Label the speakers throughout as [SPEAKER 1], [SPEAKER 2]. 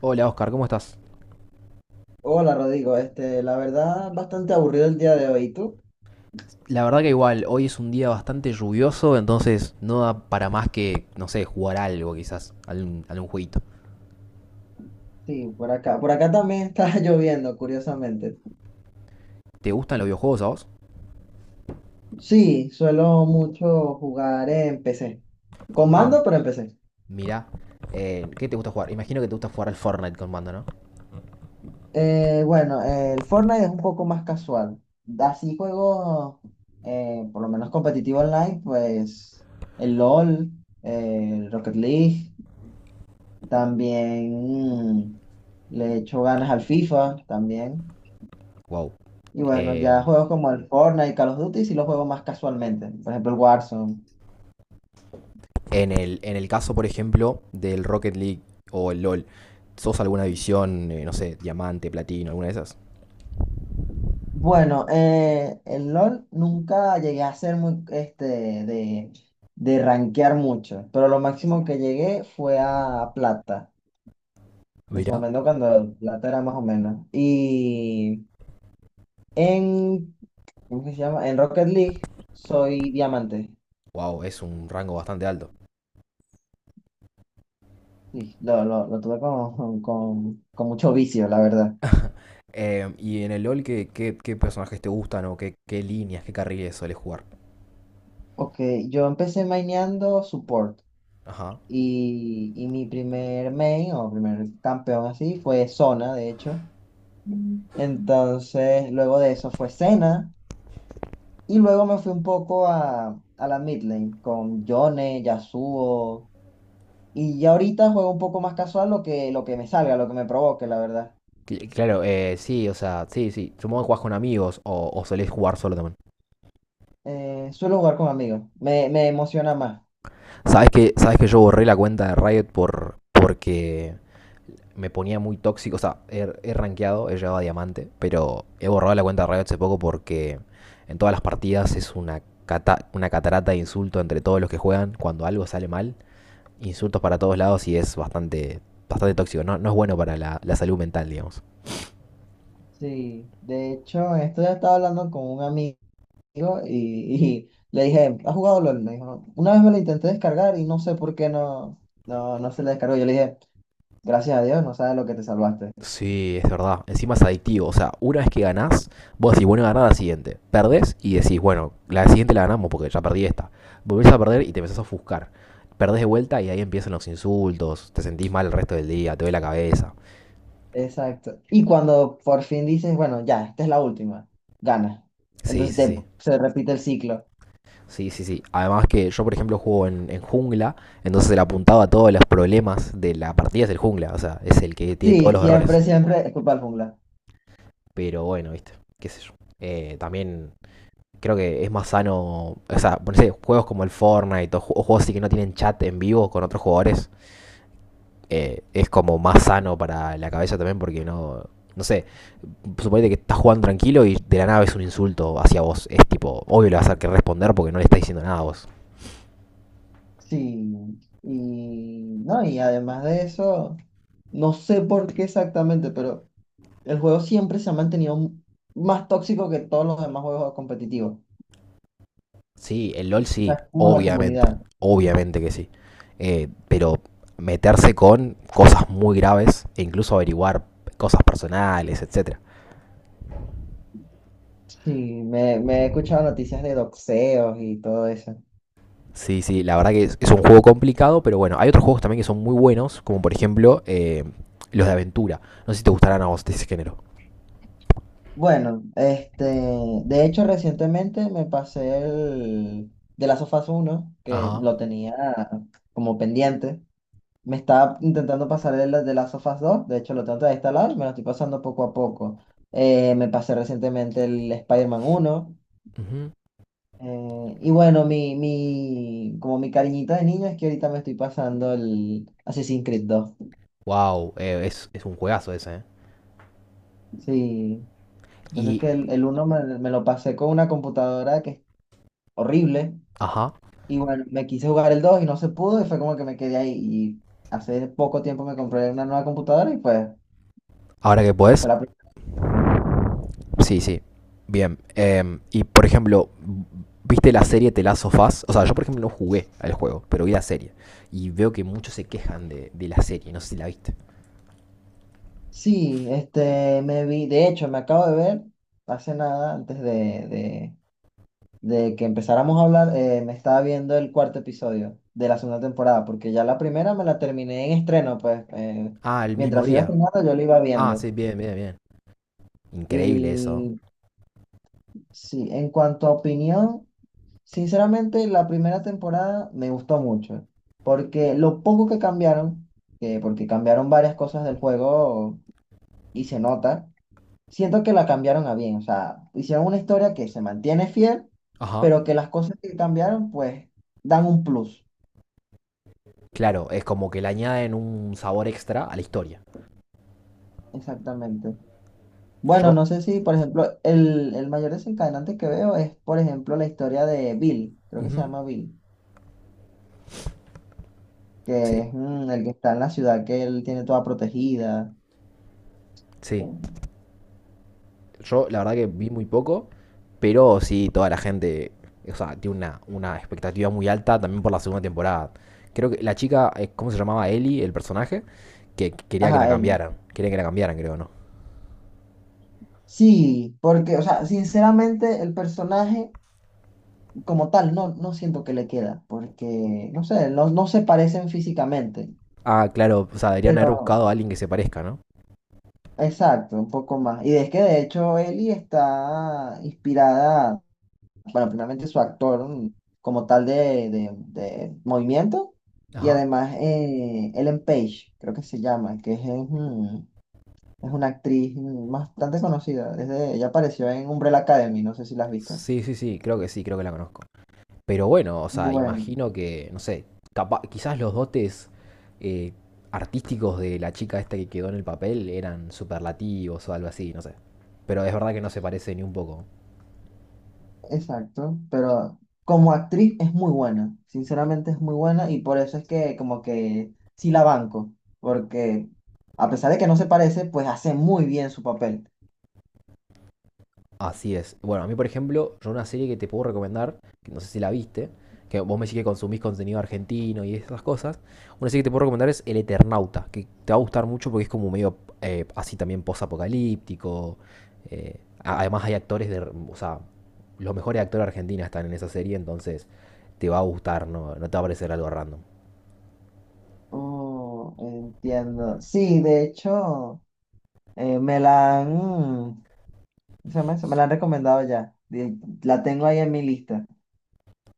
[SPEAKER 1] Hola Oscar, ¿cómo estás?
[SPEAKER 2] Hola Rodrigo, la verdad, bastante aburrido el día de hoy. ¿Y tú?
[SPEAKER 1] La verdad que igual, hoy es un día bastante lluvioso, entonces no da para más que, no sé, jugar algo quizás, algún jueguito.
[SPEAKER 2] Sí, por acá. Por acá también está lloviendo, curiosamente.
[SPEAKER 1] ¿Te gustan los videojuegos a vos?
[SPEAKER 2] Sí, suelo mucho jugar en PC. Con
[SPEAKER 1] Ah,
[SPEAKER 2] mando, pero en PC.
[SPEAKER 1] mirá. ¿Qué te gusta jugar? Imagino que te gusta jugar al Fortnite con mando, ¿no?
[SPEAKER 2] Bueno, el Fortnite es un poco más casual. Así juegos, por lo menos competitivo online, pues el LOL, el Rocket League, también, mm, le echo ganas al FIFA, también.
[SPEAKER 1] Wow.
[SPEAKER 2] Y bueno,
[SPEAKER 1] Eh,
[SPEAKER 2] ya juegos como el Fortnite y Call of Duty sí los juego más casualmente. Por ejemplo, el Warzone.
[SPEAKER 1] en el caso, por ejemplo, del Rocket League o el LOL, ¿sos alguna división, no sé, diamante, platino, alguna de esas?
[SPEAKER 2] Bueno, el LOL nunca llegué a ser muy, de, de rankear mucho, pero lo máximo que llegué fue a plata. En su
[SPEAKER 1] Mirá.
[SPEAKER 2] momento cuando plata era más o menos. Y en, ¿cómo que se llama? En Rocket League soy diamante.
[SPEAKER 1] Wow, es un rango bastante alto.
[SPEAKER 2] Sí, lo tuve con, con mucho vicio, la verdad.
[SPEAKER 1] Y en el LOL, ¿qué personajes te gustan o qué líneas, qué carriles sueles jugar?
[SPEAKER 2] Ok, yo empecé maineando support.
[SPEAKER 1] Ajá.
[SPEAKER 2] Y mi primer main o primer campeón así fue Zona, de hecho. Mm. Entonces, luego de eso fue Senna. Y luego me fui un poco a la mid lane con Yone, Yasuo. Y ya ahorita juego un poco más casual lo que me salga, lo que me provoque, la verdad.
[SPEAKER 1] Claro, sí, o sea, sí, sí. Supongo que jugás con amigos o solés jugar solo también.
[SPEAKER 2] Suelo jugar con amigos. Me emociona más.
[SPEAKER 1] ¿Sabes que yo borré la cuenta de Riot porque me ponía muy tóxico? O sea, he rankeado, he llegado a diamante, pero he borrado la cuenta de Riot hace poco porque en todas las partidas es una catarata de insulto entre todos los que juegan cuando algo sale mal. Insultos para todos lados y es bastante tóxico. No es bueno para la salud mental, digamos.
[SPEAKER 2] Sí. De hecho, esto ya estaba hablando con un amigo. Y le dije, ¿has jugado LOL? Me dijo, una vez me lo intenté descargar y no sé por qué no se le descargó. Yo le dije, gracias a Dios, no sabes lo que te salvaste.
[SPEAKER 1] Sí, es verdad. Encima es adictivo. O sea, una vez que ganás, vos decís, bueno, ganar la siguiente. Perdés y decís, bueno, la siguiente la ganamos porque ya perdí esta. Volvés a perder y te empezás a ofuscar. Perdés de vuelta y ahí empiezan los insultos. Te sentís mal el resto del día, te duele la cabeza.
[SPEAKER 2] Exacto. Y cuando por fin dices, bueno, ya, esta es la última, gana.
[SPEAKER 1] Sí,
[SPEAKER 2] Entonces
[SPEAKER 1] sí, sí.
[SPEAKER 2] se repite el ciclo.
[SPEAKER 1] Sí, sí, sí. Además que yo, por ejemplo, juego en jungla, entonces el apuntado a todos los problemas de la partida es el jungla. O sea, es el que tiene todos
[SPEAKER 2] Sí,
[SPEAKER 1] los errores.
[SPEAKER 2] siempre, siempre es culpa del jungla.
[SPEAKER 1] Pero bueno, viste, qué sé yo. También creo que es más sano, o sea, no sé, juegos como el Fortnite o juegos así que no tienen chat en vivo con otros jugadores, es como más sano para la cabeza también porque no sé, suponete que estás jugando tranquilo y de la nada es un insulto hacia vos, es tipo, obvio le vas a tener que responder porque no le estás diciendo nada a vos.
[SPEAKER 2] Sí, y no, y además de eso, no sé por qué exactamente, pero el juego siempre se ha mantenido más tóxico que todos los demás juegos competitivos.
[SPEAKER 1] Sí, el LOL sí,
[SPEAKER 2] Está como la
[SPEAKER 1] obviamente,
[SPEAKER 2] comunidad.
[SPEAKER 1] obviamente que sí. Pero meterse con cosas muy graves e incluso averiguar cosas personales, etcétera.
[SPEAKER 2] Sí, me he escuchado noticias de doxeos y todo eso.
[SPEAKER 1] Sí, sí, la verdad que es un juego complicado, pero bueno, hay otros juegos también que son muy buenos, como por ejemplo los de aventura. No sé si te gustarán a vos de ese género.
[SPEAKER 2] Bueno, de hecho recientemente me pasé el de Last of Us 1, que
[SPEAKER 1] Ajá.
[SPEAKER 2] lo tenía como pendiente. Me estaba intentando pasar el de Last of Us 2, de hecho lo tengo todavía instalado y me lo estoy pasando poco a poco. Me pasé recientemente el Spider-Man 1. Y bueno, como mi cariñito de niño es que ahorita me estoy pasando el Assassin's Creed 2.
[SPEAKER 1] Wow, es un juegazo ese, ¿eh?
[SPEAKER 2] Sí. Entonces
[SPEAKER 1] Y,
[SPEAKER 2] que el uno me lo pasé con una computadora que es horrible.
[SPEAKER 1] ajá.
[SPEAKER 2] Y bueno, me quise jugar el 2 y no se pudo y fue como que me quedé ahí. Y hace poco tiempo me compré una nueva computadora y pues
[SPEAKER 1] Ahora que podés,
[SPEAKER 2] fue la primera opción.
[SPEAKER 1] sí, sí. Bien. Y por ejemplo, ¿viste la serie The Last of Us? O sea, yo por ejemplo no jugué al juego, pero vi la serie. Y veo que muchos se quejan de la serie, no sé si la viste.
[SPEAKER 2] Sí, me vi, de hecho, me acabo de ver hace nada, antes de, de que empezáramos a hablar, me estaba viendo el cuarto episodio de la segunda temporada, porque ya la primera me la terminé en estreno, pues
[SPEAKER 1] Ah, el mismo
[SPEAKER 2] mientras iba
[SPEAKER 1] día.
[SPEAKER 2] estrenando yo lo iba
[SPEAKER 1] Ah,
[SPEAKER 2] viendo.
[SPEAKER 1] sí, bien, bien, bien. Increíble eso.
[SPEAKER 2] Y sí, en cuanto a opinión, sinceramente la primera temporada me gustó mucho, porque lo poco que cambiaron, porque cambiaron varias cosas del juego y se nota, siento que la cambiaron a bien, o sea, hicieron una historia que se mantiene fiel,
[SPEAKER 1] Ajá.
[SPEAKER 2] pero que las cosas que cambiaron pues dan un plus,
[SPEAKER 1] Claro, es como que le añaden un sabor extra a la historia.
[SPEAKER 2] exactamente. Bueno,
[SPEAKER 1] Yo,
[SPEAKER 2] no sé si, por ejemplo, el mayor desencadenante que veo es, por ejemplo, la historia de Bill, creo que se
[SPEAKER 1] ujú,
[SPEAKER 2] llama Bill. Que
[SPEAKER 1] sí,
[SPEAKER 2] es el que está en la ciudad que él tiene toda protegida.
[SPEAKER 1] sí. Yo la verdad que vi muy poco, pero sí, toda la gente, o sea, tiene una expectativa muy alta también por la segunda temporada. Creo que la chica, ¿cómo se llamaba? Ellie, el personaje, que quería que la
[SPEAKER 2] Ajá, él.
[SPEAKER 1] cambiaran. Quería que la cambiaran, creo, ¿no?
[SPEAKER 2] Sí, porque, o sea, sinceramente el personaje como tal no siento que le queda, porque, no sé, no se parecen físicamente,
[SPEAKER 1] Ah, claro, o sea, deberían haber
[SPEAKER 2] pero
[SPEAKER 1] buscado a alguien que se parezca, ¿no?
[SPEAKER 2] exacto, un poco más. Y es que de hecho Ellie está inspirada, bueno, primeramente su actor como tal de movimiento, y
[SPEAKER 1] Ajá.
[SPEAKER 2] además Ellen Page, creo que se llama, es una actriz bastante conocida. Ella apareció en Umbrella Academy, no sé si la has visto.
[SPEAKER 1] Sí, sí, sí, creo que la conozco. Pero bueno, o sea,
[SPEAKER 2] Bueno,
[SPEAKER 1] imagino que, no sé, quizás los dotes eh, artísticos de la chica esta que quedó en el papel eran superlativos o algo así, no sé. Pero es verdad que no se parece ni un poco.
[SPEAKER 2] exacto, pero como actriz es muy buena, sinceramente es muy buena y por eso es que como que sí la banco, porque a pesar de que no se parece, pues hace muy bien su papel.
[SPEAKER 1] Así es. Bueno, a mí, por ejemplo, yo una serie que te puedo recomendar, que no sé si la viste, que vos me decís que consumís contenido argentino y esas cosas, una serie que te puedo recomendar es El Eternauta, que te va a gustar mucho porque es como medio así también post-apocalíptico. eh, además hay actores de... O sea, los mejores actores argentinos están en esa serie, entonces te va a gustar, no te va a parecer algo random.
[SPEAKER 2] Oh, entiendo. Sí, de hecho, me la han, ¿cómo se llama eso? Me la han recomendado ya. La tengo ahí en mi lista.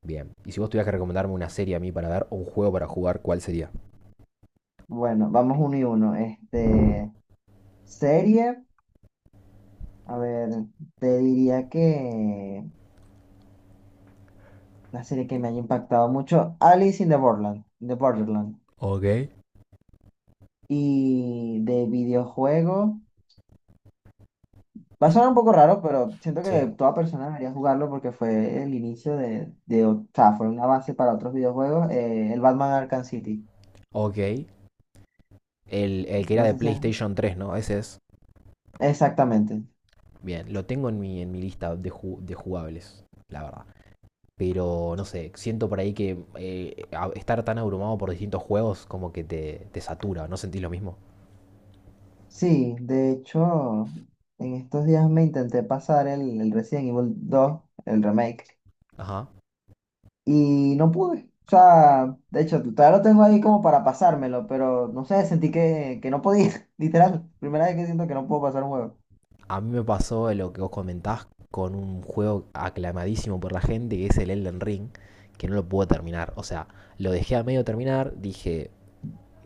[SPEAKER 1] Bien. Y si vos tuvieras que recomendarme una serie a mí para ver o un juego para jugar, ¿cuál sería?
[SPEAKER 2] Bueno, vamos uno y uno. Serie. A ver, te diría que la serie que me haya impactado mucho, Alice in the Borderland.
[SPEAKER 1] Ok.
[SPEAKER 2] Y de videojuego, va a sonar un poco raro, pero siento
[SPEAKER 1] Sí.
[SPEAKER 2] que toda persona debería jugarlo porque fue el inicio o sea, fue una base para otros videojuegos, el Batman Arkham City.
[SPEAKER 1] Ok. El que era
[SPEAKER 2] No
[SPEAKER 1] de
[SPEAKER 2] sé si
[SPEAKER 1] PlayStation tres, ¿no? Ese es.
[SPEAKER 2] Exactamente.
[SPEAKER 1] Bien, lo tengo en en mi lista de, de jugables, la verdad. Pero no sé, siento por ahí que estar tan abrumado por distintos juegos como que te satura, ¿no sentís lo mismo?
[SPEAKER 2] Sí, de hecho, en estos días me intenté pasar el Resident Evil 2 el remake.
[SPEAKER 1] Ajá.
[SPEAKER 2] Y no pude. O sea, de hecho, todavía lo tengo ahí como para pasármelo, pero no sé, sentí que no podía, literal. Primera vez que siento que no puedo pasar un juego.
[SPEAKER 1] A mí me pasó lo que vos comentás con un juego aclamadísimo por la gente, que es el Elden Ring, que no lo pude terminar. O sea, lo dejé a medio terminar, dije,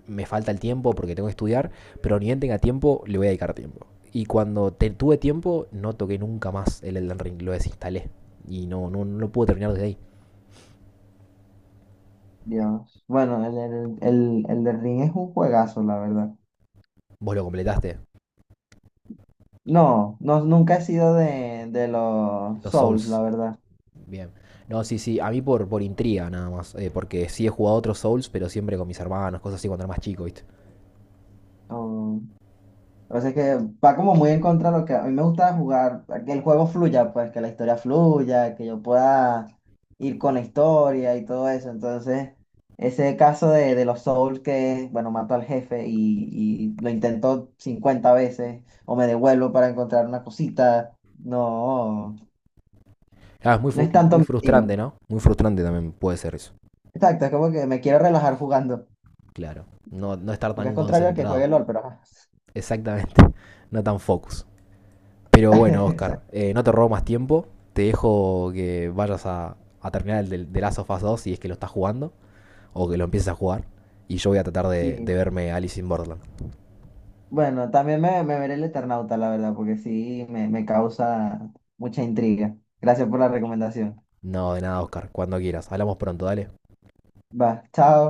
[SPEAKER 1] me falta el tiempo porque tengo que estudiar, pero ni bien tenga tiempo, le voy a dedicar tiempo. Y cuando tuve tiempo, no toqué nunca más el Elden Ring, lo desinstalé. Y no lo pude terminar desde ahí.
[SPEAKER 2] Dios. Bueno, el de Ring es un juegazo, la verdad.
[SPEAKER 1] Vos lo completaste,
[SPEAKER 2] No, no, nunca he sido de los
[SPEAKER 1] los
[SPEAKER 2] Souls,
[SPEAKER 1] Souls.
[SPEAKER 2] la verdad.
[SPEAKER 1] Bien. No, sí, sí, a mí por intriga nada más, porque sí he jugado otros Souls, pero siempre con mis hermanos, cosas así cuando era más chico, ¿viste?
[SPEAKER 2] No, o sea, es que va como muy en contra de lo que a mí me gusta jugar, que el juego fluya, pues que la historia fluya, que yo pueda ir con la historia y todo eso. Entonces, ese caso de los Souls que, bueno, mato al jefe y lo intento 50 veces o me devuelvo para encontrar una cosita, no,
[SPEAKER 1] Ah, es
[SPEAKER 2] no es tanto
[SPEAKER 1] muy
[SPEAKER 2] mi estilo.
[SPEAKER 1] frustrante, ¿no? Muy frustrante también puede ser eso,
[SPEAKER 2] Exacto, es como que me quiero relajar jugando,
[SPEAKER 1] claro. No, no estar
[SPEAKER 2] aunque es
[SPEAKER 1] tan
[SPEAKER 2] contrario a que
[SPEAKER 1] concentrado,
[SPEAKER 2] juegue LOL, pero ajá.
[SPEAKER 1] exactamente, no tan focus. Pero bueno, Oscar,
[SPEAKER 2] Exacto.
[SPEAKER 1] no te robo más tiempo. Te dejo que vayas a terminar de Last of Us 2 si es que lo estás jugando o que lo empieces a jugar. Y yo voy a tratar de
[SPEAKER 2] Sí.
[SPEAKER 1] verme Alice in Borderland.
[SPEAKER 2] Bueno, también me veré el Eternauta, la verdad, porque sí me causa mucha intriga. Gracias por la recomendación.
[SPEAKER 1] No, de nada, Oscar. Cuando quieras. Hablamos pronto, dale.
[SPEAKER 2] Va, chao.